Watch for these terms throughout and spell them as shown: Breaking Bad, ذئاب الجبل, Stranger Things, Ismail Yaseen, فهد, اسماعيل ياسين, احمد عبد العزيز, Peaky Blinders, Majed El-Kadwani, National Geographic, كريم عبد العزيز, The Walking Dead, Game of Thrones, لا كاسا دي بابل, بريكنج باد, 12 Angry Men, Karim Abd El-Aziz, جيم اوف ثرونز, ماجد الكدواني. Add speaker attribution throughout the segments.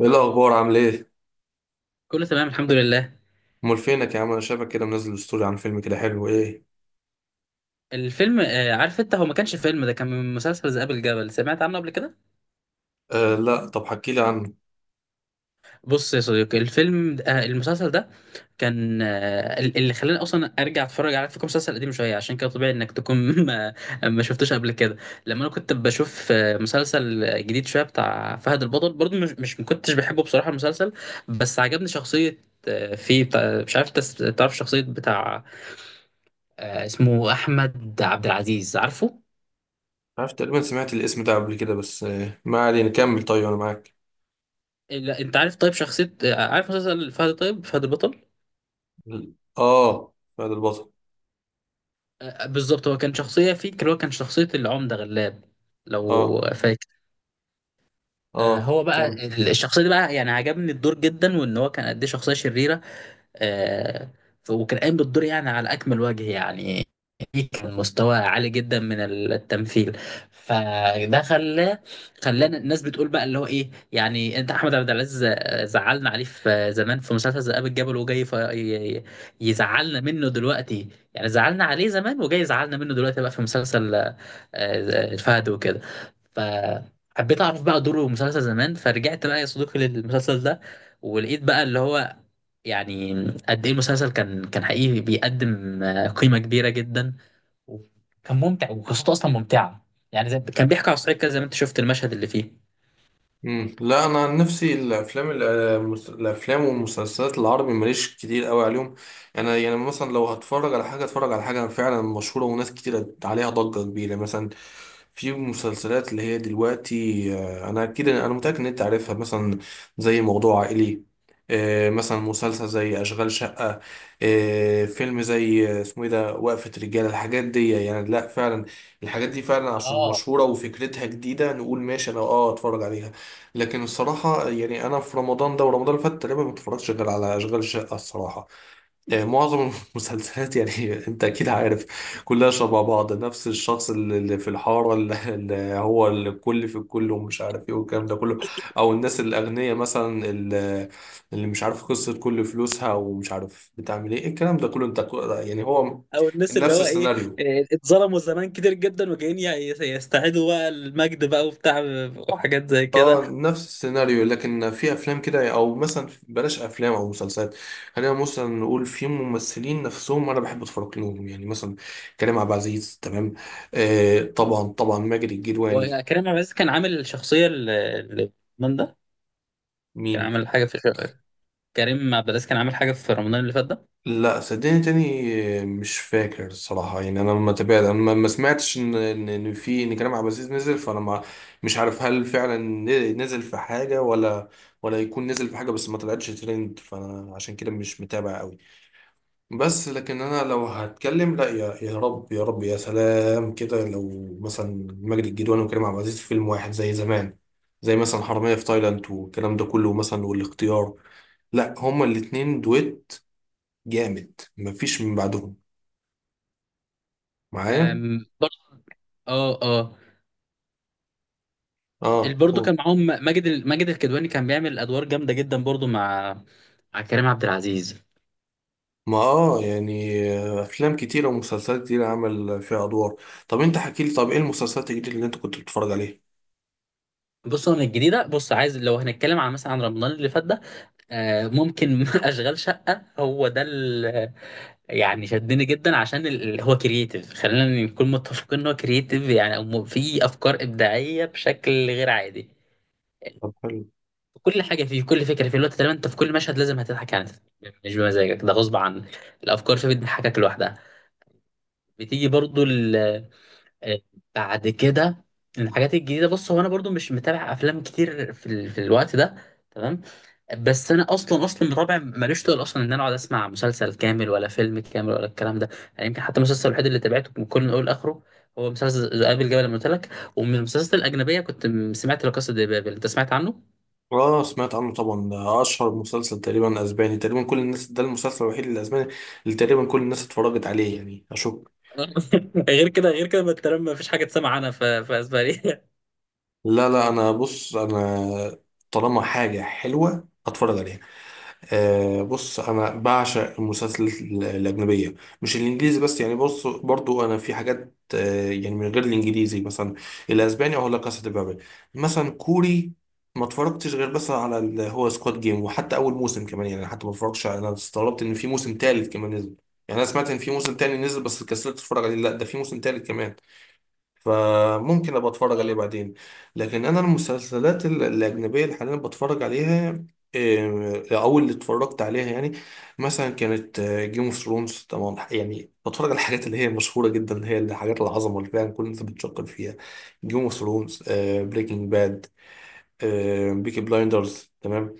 Speaker 1: ايه الاخبار؟ عامل ايه؟
Speaker 2: كله تمام الحمد لله.
Speaker 1: امال فينك يا عم؟ انا شايفك كده منزل ستوري عن فيلم كده حلو، ايه؟
Speaker 2: الفيلم آه، عارف انت، هو ما كانش فيلم، ده كان من مسلسل ذئاب الجبل. سمعت عنه قبل كده؟
Speaker 1: آه، لا. طب حكي لي عنه.
Speaker 2: بص يا صديقي، الفيلم ده- آه، المسلسل ده كان اللي خلاني اصلا ارجع اتفرج على فكره، مسلسل قديم شويه عشان كده طبيعي انك تكون ما, ما شفتوش قبل كده. لما انا كنت بشوف مسلسل جديد شويه بتاع فهد البطل، برضو مش مش ما كنتش بحبه بصراحه المسلسل، بس عجبني شخصيه فيه، بتاع مش عارف تعرف شخصيه بتاع اسمه احمد عبد العزيز؟ عارفه
Speaker 1: عارف، تقريبا سمعت الاسم ده قبل كده. بس ما علينا، كمل. طيب انا معاك.
Speaker 2: لا، انت عارف طيب شخصية، عارف مسلسل فهد، طيب فهد البطل
Speaker 1: اه، فهد البطل.
Speaker 2: بالظبط، هو كان شخصية فيه اللي هو كان شخصية العمدة غلاب، لو
Speaker 1: اه،
Speaker 2: فاكر.
Speaker 1: اه،
Speaker 2: هو بقى
Speaker 1: كمل.
Speaker 2: الشخصية دي بقى يعني عجبني الدور جدا، وان هو كان قد ايه شخصية شريرة. آه، وكان قايم بالدور يعني على أكمل وجه يعني. كان مستوى عالي جدا من التمثيل. فده خلاه، خلانا الناس بتقول بقى اللي هو ايه يعني، انت احمد عبد العزيز زعلنا عليه في زمان في مسلسل ذئاب الجبل، وجاي يزعلنا منه دلوقتي، يعني زعلنا عليه زمان وجاي يزعلنا منه دلوقتي بقى في مسلسل الفهد وكده. فحبيت اعرف بقى دوره في مسلسل زمان، فرجعت بقى يا صديقي للمسلسل ده، ولقيت بقى اللي هو يعني قد ايه المسلسل كان حقيقي بيقدم قيمه كبيره جدا، وكان ممتع وقصته اصلا ممتعه، يعني زي كان بيحكي على الصعيد كده زي ما انت شفت المشهد اللي فيه.
Speaker 1: مم. لا، انا عن نفسي الافلام والمسلسلات العربي ماليش كتير قوي عليهم. انا يعني مثلا لو هتفرج على حاجه، اتفرج على حاجه فعلا مشهوره وناس كتير عليها ضجه كبيره. مثلا في مسلسلات اللي هي دلوقتي، انا اكيد، انا متاكد ان انت عارفها. مثلا زي موضوع عائلي، مثلا مسلسل زي اشغال شقه، فيلم زي اسمه ايه ده، وقفه رجاله، الحاجات دي يعني. لا فعلا الحاجات دي فعلا عشان
Speaker 2: اه،
Speaker 1: مشهوره وفكرتها جديده نقول ماشي انا اتفرج عليها. لكن الصراحة يعني أنا في رمضان ده ورمضان اللي فات تقريبا ما اتفرجتش غير على أشغال الشقة الصراحة. معظم المسلسلات يعني أنت أكيد عارف كلها شبه بعض. نفس الشخص اللي في الحارة اللي هو الكل في الكل ومش عارف إيه والكلام ده كله، أو الناس الأغنياء مثلا اللي اللي مش عارف قصة كل فلوسها ومش عارف بتعمل إيه، الكلام ده كله. يعني هو
Speaker 2: او الناس اللي
Speaker 1: نفس
Speaker 2: هو ايه،
Speaker 1: السيناريو.
Speaker 2: اتظلموا زمان كتير جدا، وجايين يستعيدوا بقى المجد بقى وبتاع وحاجات زي
Speaker 1: اه،
Speaker 2: كده.
Speaker 1: نفس السيناريو. لكن في افلام كده، او مثلا بلاش افلام او مسلسلات، خلينا مثلا نقول في ممثلين نفسهم انا بحب اتفرج لهم، يعني مثلا كريم عبد العزيز، تمام، آه طبعا طبعا ماجد الكدواني.
Speaker 2: وكريم عبد العزيز كان عامل الشخصيه اللي من ده، كان
Speaker 1: مين؟
Speaker 2: عامل حاجه في، كريم عبد العزيز كان عامل حاجه في رمضان اللي فات ده.
Speaker 1: لا صدقني تاني، مش فاكر الصراحة. يعني انا ما تابعت، انا ما سمعتش ان ان إن في ان كريم عبد العزيز نزل، فانا ما، مش عارف هل فعلا نزل في حاجة ولا، ولا يكون نزل في حاجة بس ما طلعتش ترند، فانا عشان كده مش متابع قوي. بس لكن انا لو هتكلم، لا يا رب يا رب، يا سلام كده لو مثلا مجدي الجدواني وكريم عبد العزيز في فيلم واحد زي زمان، زي مثلا حرامية في تايلاند والكلام ده كله مثلا، والاختيار، لا هما الاتنين دويت جامد مفيش من بعدهم، معايا.
Speaker 2: برضه، اه اه،
Speaker 1: اه،
Speaker 2: برضه كان
Speaker 1: قول.
Speaker 2: معاهم ماجد الكدواني، كان بيعمل ادوار جامده جدا برضه مع، مع كريم عبد العزيز.
Speaker 1: ما يعني افلام كتيرة ومسلسلات كتيرة عمل فيها ادوار. طب انت حكيلي، طب ايه المسلسلات الجديدة اللي انت كنت بتتفرج عليها؟
Speaker 2: بص هو من الجديده، بص عايز لو هنتكلم عن مثلا عن رمضان اللي فات ده، ممكن اشغال شقه، هو ده. يعني شدني جدا عشان هو كرييتيف، خلينا نكون متفقين ان هو كرييتيف يعني. في افكار ابداعيه بشكل غير عادي،
Speaker 1: طب حلو.
Speaker 2: كل حاجه فيه، كل فكره فيه الوقت تقريبا، انت في كل مشهد لازم هتضحك يعني، مش بمزاجك، ده غصب عنك. الافكار فيه بتضحكك لوحدها. بتيجي برضو آه، بعد كده من الحاجات الجديده. بص هو انا برضو مش متابع افلام كتير في الوقت ده، تمام. بس انا اصلا اصلا رابع ماليش طول اصلا ان انا اقعد اسمع مسلسل كامل ولا فيلم كامل ولا الكلام ده يعني. يمكن حتى المسلسل الوحيد اللي تابعته من كل من اول لاخره هو مسلسل ذئاب الجبل اللي قلت لك. ومن المسلسلات الاجنبيه كنت سمعت لا كاسا دي بابل، انت سمعت عنه؟
Speaker 1: اه، سمعت عنه طبعا. ده اشهر مسلسل تقريبا اسباني، تقريبا كل الناس، ده المسلسل الوحيد الاسباني اللي تقريبا كل الناس اتفرجت عليه، يعني اشك.
Speaker 2: غير كده، غير كده ما انت ما فيش حاجه تسمع عنها في في اسبانيا.
Speaker 1: لا لا، انا بص، انا طالما حاجة حلوة اتفرج عليها. آه، بص انا بعشق المسلسلات الاجنبيه، مش الانجليزي بس. يعني بص، برضو انا في حاجات آه يعني من غير الانجليزي، مثلا الاسباني او لا كاسا دي بابل، مثلا كوري ما اتفرجتش غير بس على هو سكواد جيم، وحتى اول موسم كمان يعني، حتى ما اتفرجتش. انا استغربت ان في موسم تالت كمان نزل، يعني انا سمعت ان في موسم تاني نزل بس كسلت اتفرج عليه، لا ده في موسم تالت كمان، فممكن ابقى اتفرج عليه
Speaker 2: اه،
Speaker 1: بعدين. لكن انا المسلسلات الاجنبيه اللي حاليا بتفرج عليها، إيه، او اللي اتفرجت عليها يعني، مثلا كانت جيم اوف ثرونز. طبعا يعني بتفرج على الحاجات اللي هي مشهوره جدا، اللي هي الحاجات العظمه اللي فعلا كل الناس بتشكر فيها: جيم اوف ثرونز، بريكنج باد، بيكي بلايندرز، تمام،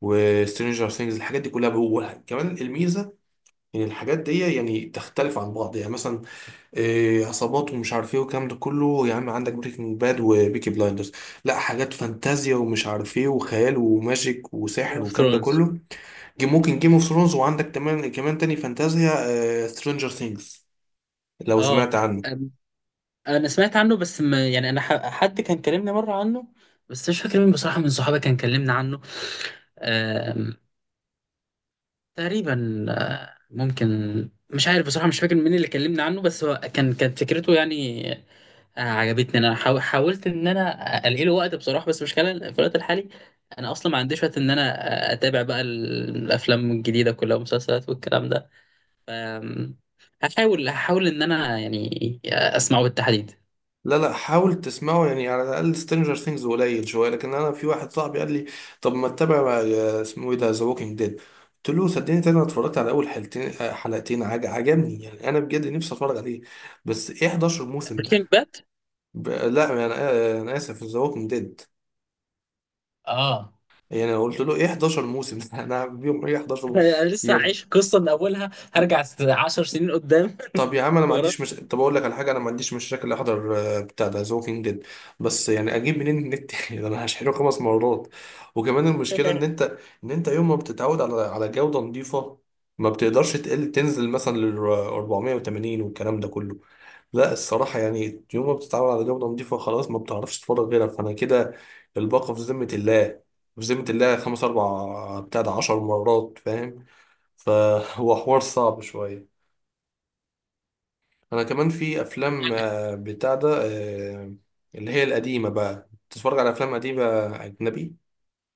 Speaker 1: وسترينجر ثينجز. الحاجات دي كلها، بقول كمان الميزه ان الحاجات دي يعني تختلف عن بعض. يعني مثلا عصابات ومش عارف ايه والكلام ده كله، يا عم عندك بريكنج باد وبيكي بلايندرز. لا، حاجات فانتازيا ومش عارف ايه وخيال وماجيك
Speaker 2: جيم
Speaker 1: وسحر
Speaker 2: اوف
Speaker 1: والكلام ده
Speaker 2: ثرونز.
Speaker 1: كله، ممكن جيم اوف ثرونز، وعندك كمان كمان تاني فانتازيا سترينجر ثينجز، لو
Speaker 2: اه
Speaker 1: سمعت عنه.
Speaker 2: انا سمعت عنه، بس ما يعني انا حد كان كلمني مره عنه، بس مش فاكر مين بصراحه من صحابي كان كلمني عنه. آم، تقريبا ممكن، مش عارف بصراحه مش فاكر مين اللي كلمني عنه، بس هو كان كانت فكرته يعني عجبتني. انا حاولت ان انا الاقي له وقت بصراحه، بس مش في الوقت الحالي. انا اصلا ما عنديش وقت ان انا اتابع بقى الافلام الجديده كلها والمسلسلات والكلام ده. آم، هحاول ان انا يعني اسمعه بالتحديد.
Speaker 1: لا لا، حاول تسمعه يعني. على الاقل سترينجر ثينجز قليل شويه. لكن انا في واحد صاحبي قال لي: طب ما تتابع اسمه ايه ده، ذا ووكينج ديد؟ قلت له: صدقني تاني، انا اتفرجت على اول حلقتين، حلقتين عجبني، يعني انا بجد نفسي اتفرج عليه. بس ايه 11 موسم؟
Speaker 2: بريكنج باد.
Speaker 1: لا يعني، انا اسف، ذا ووكينج ديد،
Speaker 2: اه،
Speaker 1: يعني أنا قلت له ايه 11 موسم؟ انا بيهم ايه 11 موسم
Speaker 2: أنا لسه
Speaker 1: يعني؟
Speaker 2: هعيش قصه من اولها، هرجع 10 سنين قدام
Speaker 1: طب يا عم انا ما
Speaker 2: ورا
Speaker 1: عنديش مش... طب اقول لك على حاجه، انا ما عنديش مشاكل احضر بتاع ده ذا ووكينج ديد، بس يعني اجيب منين النت؟ ده انا هشحنه خمس مرات. وكمان المشكله ان
Speaker 2: يعني.
Speaker 1: انت، ان انت يوم ما بتتعود على جوده نظيفه، ما بتقدرش تقل، تنزل مثلا لل 480 والكلام ده كله. لا، الصراحه يعني يوم ما بتتعود على جوده نظيفه خلاص ما بتعرفش تتفرج غيرها، فانا كده الباقه في ذمه الله، في ذمه الله خمس اربع بتاع ده 10 مرات، فاهم؟ فهو حوار صعب شويه. انا كمان في افلام بتاع ده، آه، اللي هي القديمه بقى، تتفرج على افلام قديمه اجنبي.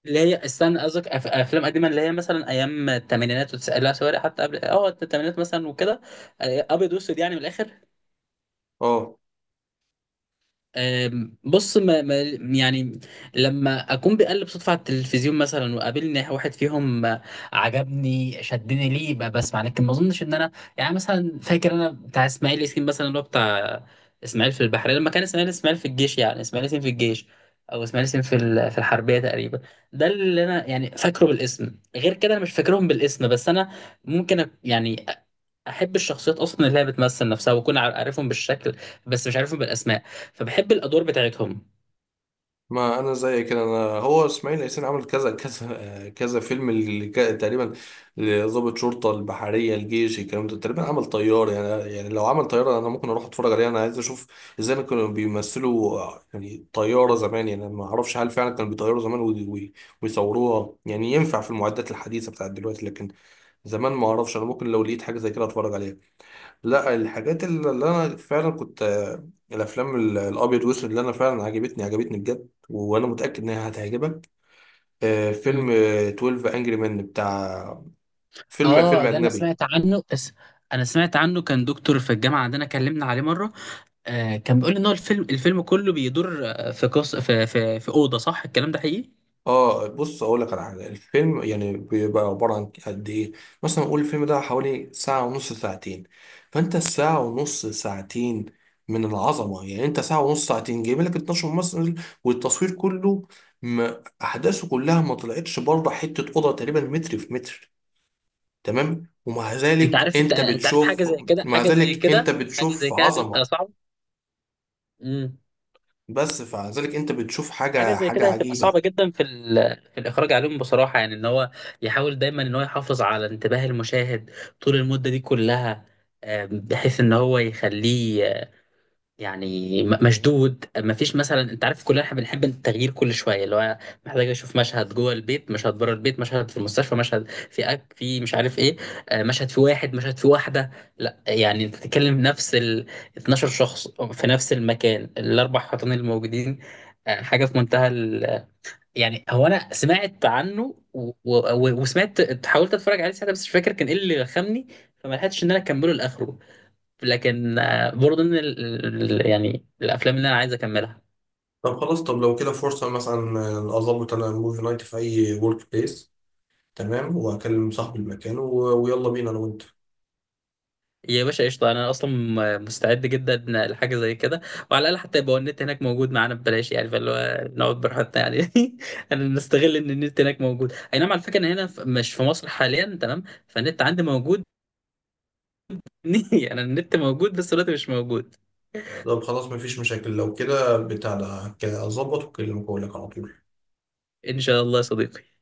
Speaker 2: اللي هي استنى قصدك افلام قديمه اللي هي مثلا ايام الثمانينات وتسألها سوري، حتى قبل اه الثمانينات مثلا وكده، ابيض واسود يعني من الاخر.
Speaker 1: اه،
Speaker 2: بص ما ما يعني لما اكون بقلب صدفه على التلفزيون مثلا وقابلني واحد فيهم، عجبني شدني ليه، بسمع، لكن ما اظنش ان انا يعني. مثلا فاكر انا بتاع اسماعيل ياسين مثلا، اللي هو بتاع اسماعيل في البحريه، لما كان اسماعيل في الجيش يعني اسماعيل ياسين في الجيش، او اسماعيل ياسين في في الحربيه تقريبا. ده اللي انا يعني فاكره بالاسم، غير كده انا مش فاكرهم بالاسم، بس انا ممكن يعني احب الشخصيات اصلا اللي هي بتمثل نفسها، واكون عارفهم بالشكل بس مش عارفهم بالاسماء، فبحب الادوار بتاعتهم.
Speaker 1: ما انا زي كده. انا هو اسماعيل ياسين عمل كذا كذا، كذا فيلم تقريبا لضابط، شرطه، البحريه، الجيش، الكلام ده، تقريبا عمل طيار يعني. يعني لو عمل طياره انا ممكن اروح اتفرج عليه، انا عايز اشوف ازاي كانوا بيمثلوا يعني طياره زمان. يعني أنا ما اعرفش هل فعلا كانوا بيطيروا زمان، ويصوروها، يعني ينفع في المعدات الحديثه بتاعت دلوقتي، لكن زمان ما اعرفش، انا ممكن لو لقيت حاجه زي كده اتفرج عليها. لا، الحاجات اللي انا فعلا كنت، الافلام الابيض والاسود، اللي انا فعلا عجبتني، عجبتني بجد، وانا متاكد انها هتعجبك: فيلم
Speaker 2: مم.
Speaker 1: 12 انجري مان، بتاع، فيلم،
Speaker 2: اه،
Speaker 1: فيلم
Speaker 2: ده انا
Speaker 1: اجنبي.
Speaker 2: سمعت عنه، بس انا سمعت عنه كان دكتور في الجامعه عندنا كلمنا عليه مره. آه، كان بيقول ان هو الفيلم كله بيدور في قص في في, في اوضه، صح الكلام ده حقيقي؟
Speaker 1: اه، بص اقول لك على حاجه، الفيلم يعني بيبقى عباره عن قد ايه؟ مثلا نقول الفيلم ده حوالي ساعه ونص، ساعتين. فانت الساعه ونص ساعتين من العظمه. يعني انت ساعه ونص ساعتين جايب لك 12 ممثل والتصوير كله، ما احداثه كلها ما طلعتش بره حته اوضه تقريبا متر في متر، تمام؟ ومع
Speaker 2: واو. انت
Speaker 1: ذلك
Speaker 2: عارف، انت
Speaker 1: انت
Speaker 2: أنت عارف حاجه
Speaker 1: بتشوف،
Speaker 2: زي كده
Speaker 1: مع
Speaker 2: حاجه زي
Speaker 1: ذلك انت
Speaker 2: كده حاجه زي
Speaker 1: بتشوف
Speaker 2: كده هتبقى
Speaker 1: عظمه،
Speaker 2: صعبه. امم.
Speaker 1: بس فمع ذلك انت بتشوف
Speaker 2: حاجه
Speaker 1: حاجه
Speaker 2: زي
Speaker 1: حاجه
Speaker 2: كده هتبقى
Speaker 1: عجيبه.
Speaker 2: صعبه جدا في في الاخراج عليهم بصراحه، يعني ان هو يحاول دايما ان هو يحافظ على انتباه المشاهد طول المده دي كلها، بحيث ان هو يخليه يعني مشدود. ما فيش مثلا، انت عارف كلنا احنا بنحب التغيير كل شويه، اللي هو محتاج اشوف مشهد جوه البيت، مشهد بره البيت، مشهد في المستشفى، مشهد في أك في مش عارف ايه، مشهد في واحد مشهد في واحده. لا يعني انت بتتكلم نفس ال 12 شخص في نفس المكان الاربع حيطان الموجودين، حاجه في منتهى ال... يعني هو انا سمعت عنه وسمعت، حاولت اتفرج عليه ساعتها، بس مش فاكر كان ايه اللي خمني، فما لحقتش ان انا اكمله لاخره. لكن برضه ان يعني الافلام اللي انا عايز اكملها.
Speaker 1: طب خلاص، طب لو كده فرصة مثلا أظبط أنا موفي نايت في أي ورك بليس، تمام، وأكلم صاحب المكان، و... ويلا بينا أنا وأنت.
Speaker 2: يا باشا قشطه، انا اصلا مستعد جدا لحاجه زي كده، وعلى الاقل حتى يبقى النت هناك موجود معانا ببلاش يعني، فاللي هو نقعد براحتنا يعني انا نستغل ان النت هناك موجود، اي نعم، على فكره انا هنا مش في مصر حاليا تمام، فالنت عندي موجود. انا النت موجود بس الوقت مش موجود.
Speaker 1: طب خلاص، مفيش مشاكل لو كده، بتاع ده أظبط وأكلمك وأقول لك على طول.
Speaker 2: ان شاء الله يا صديقي.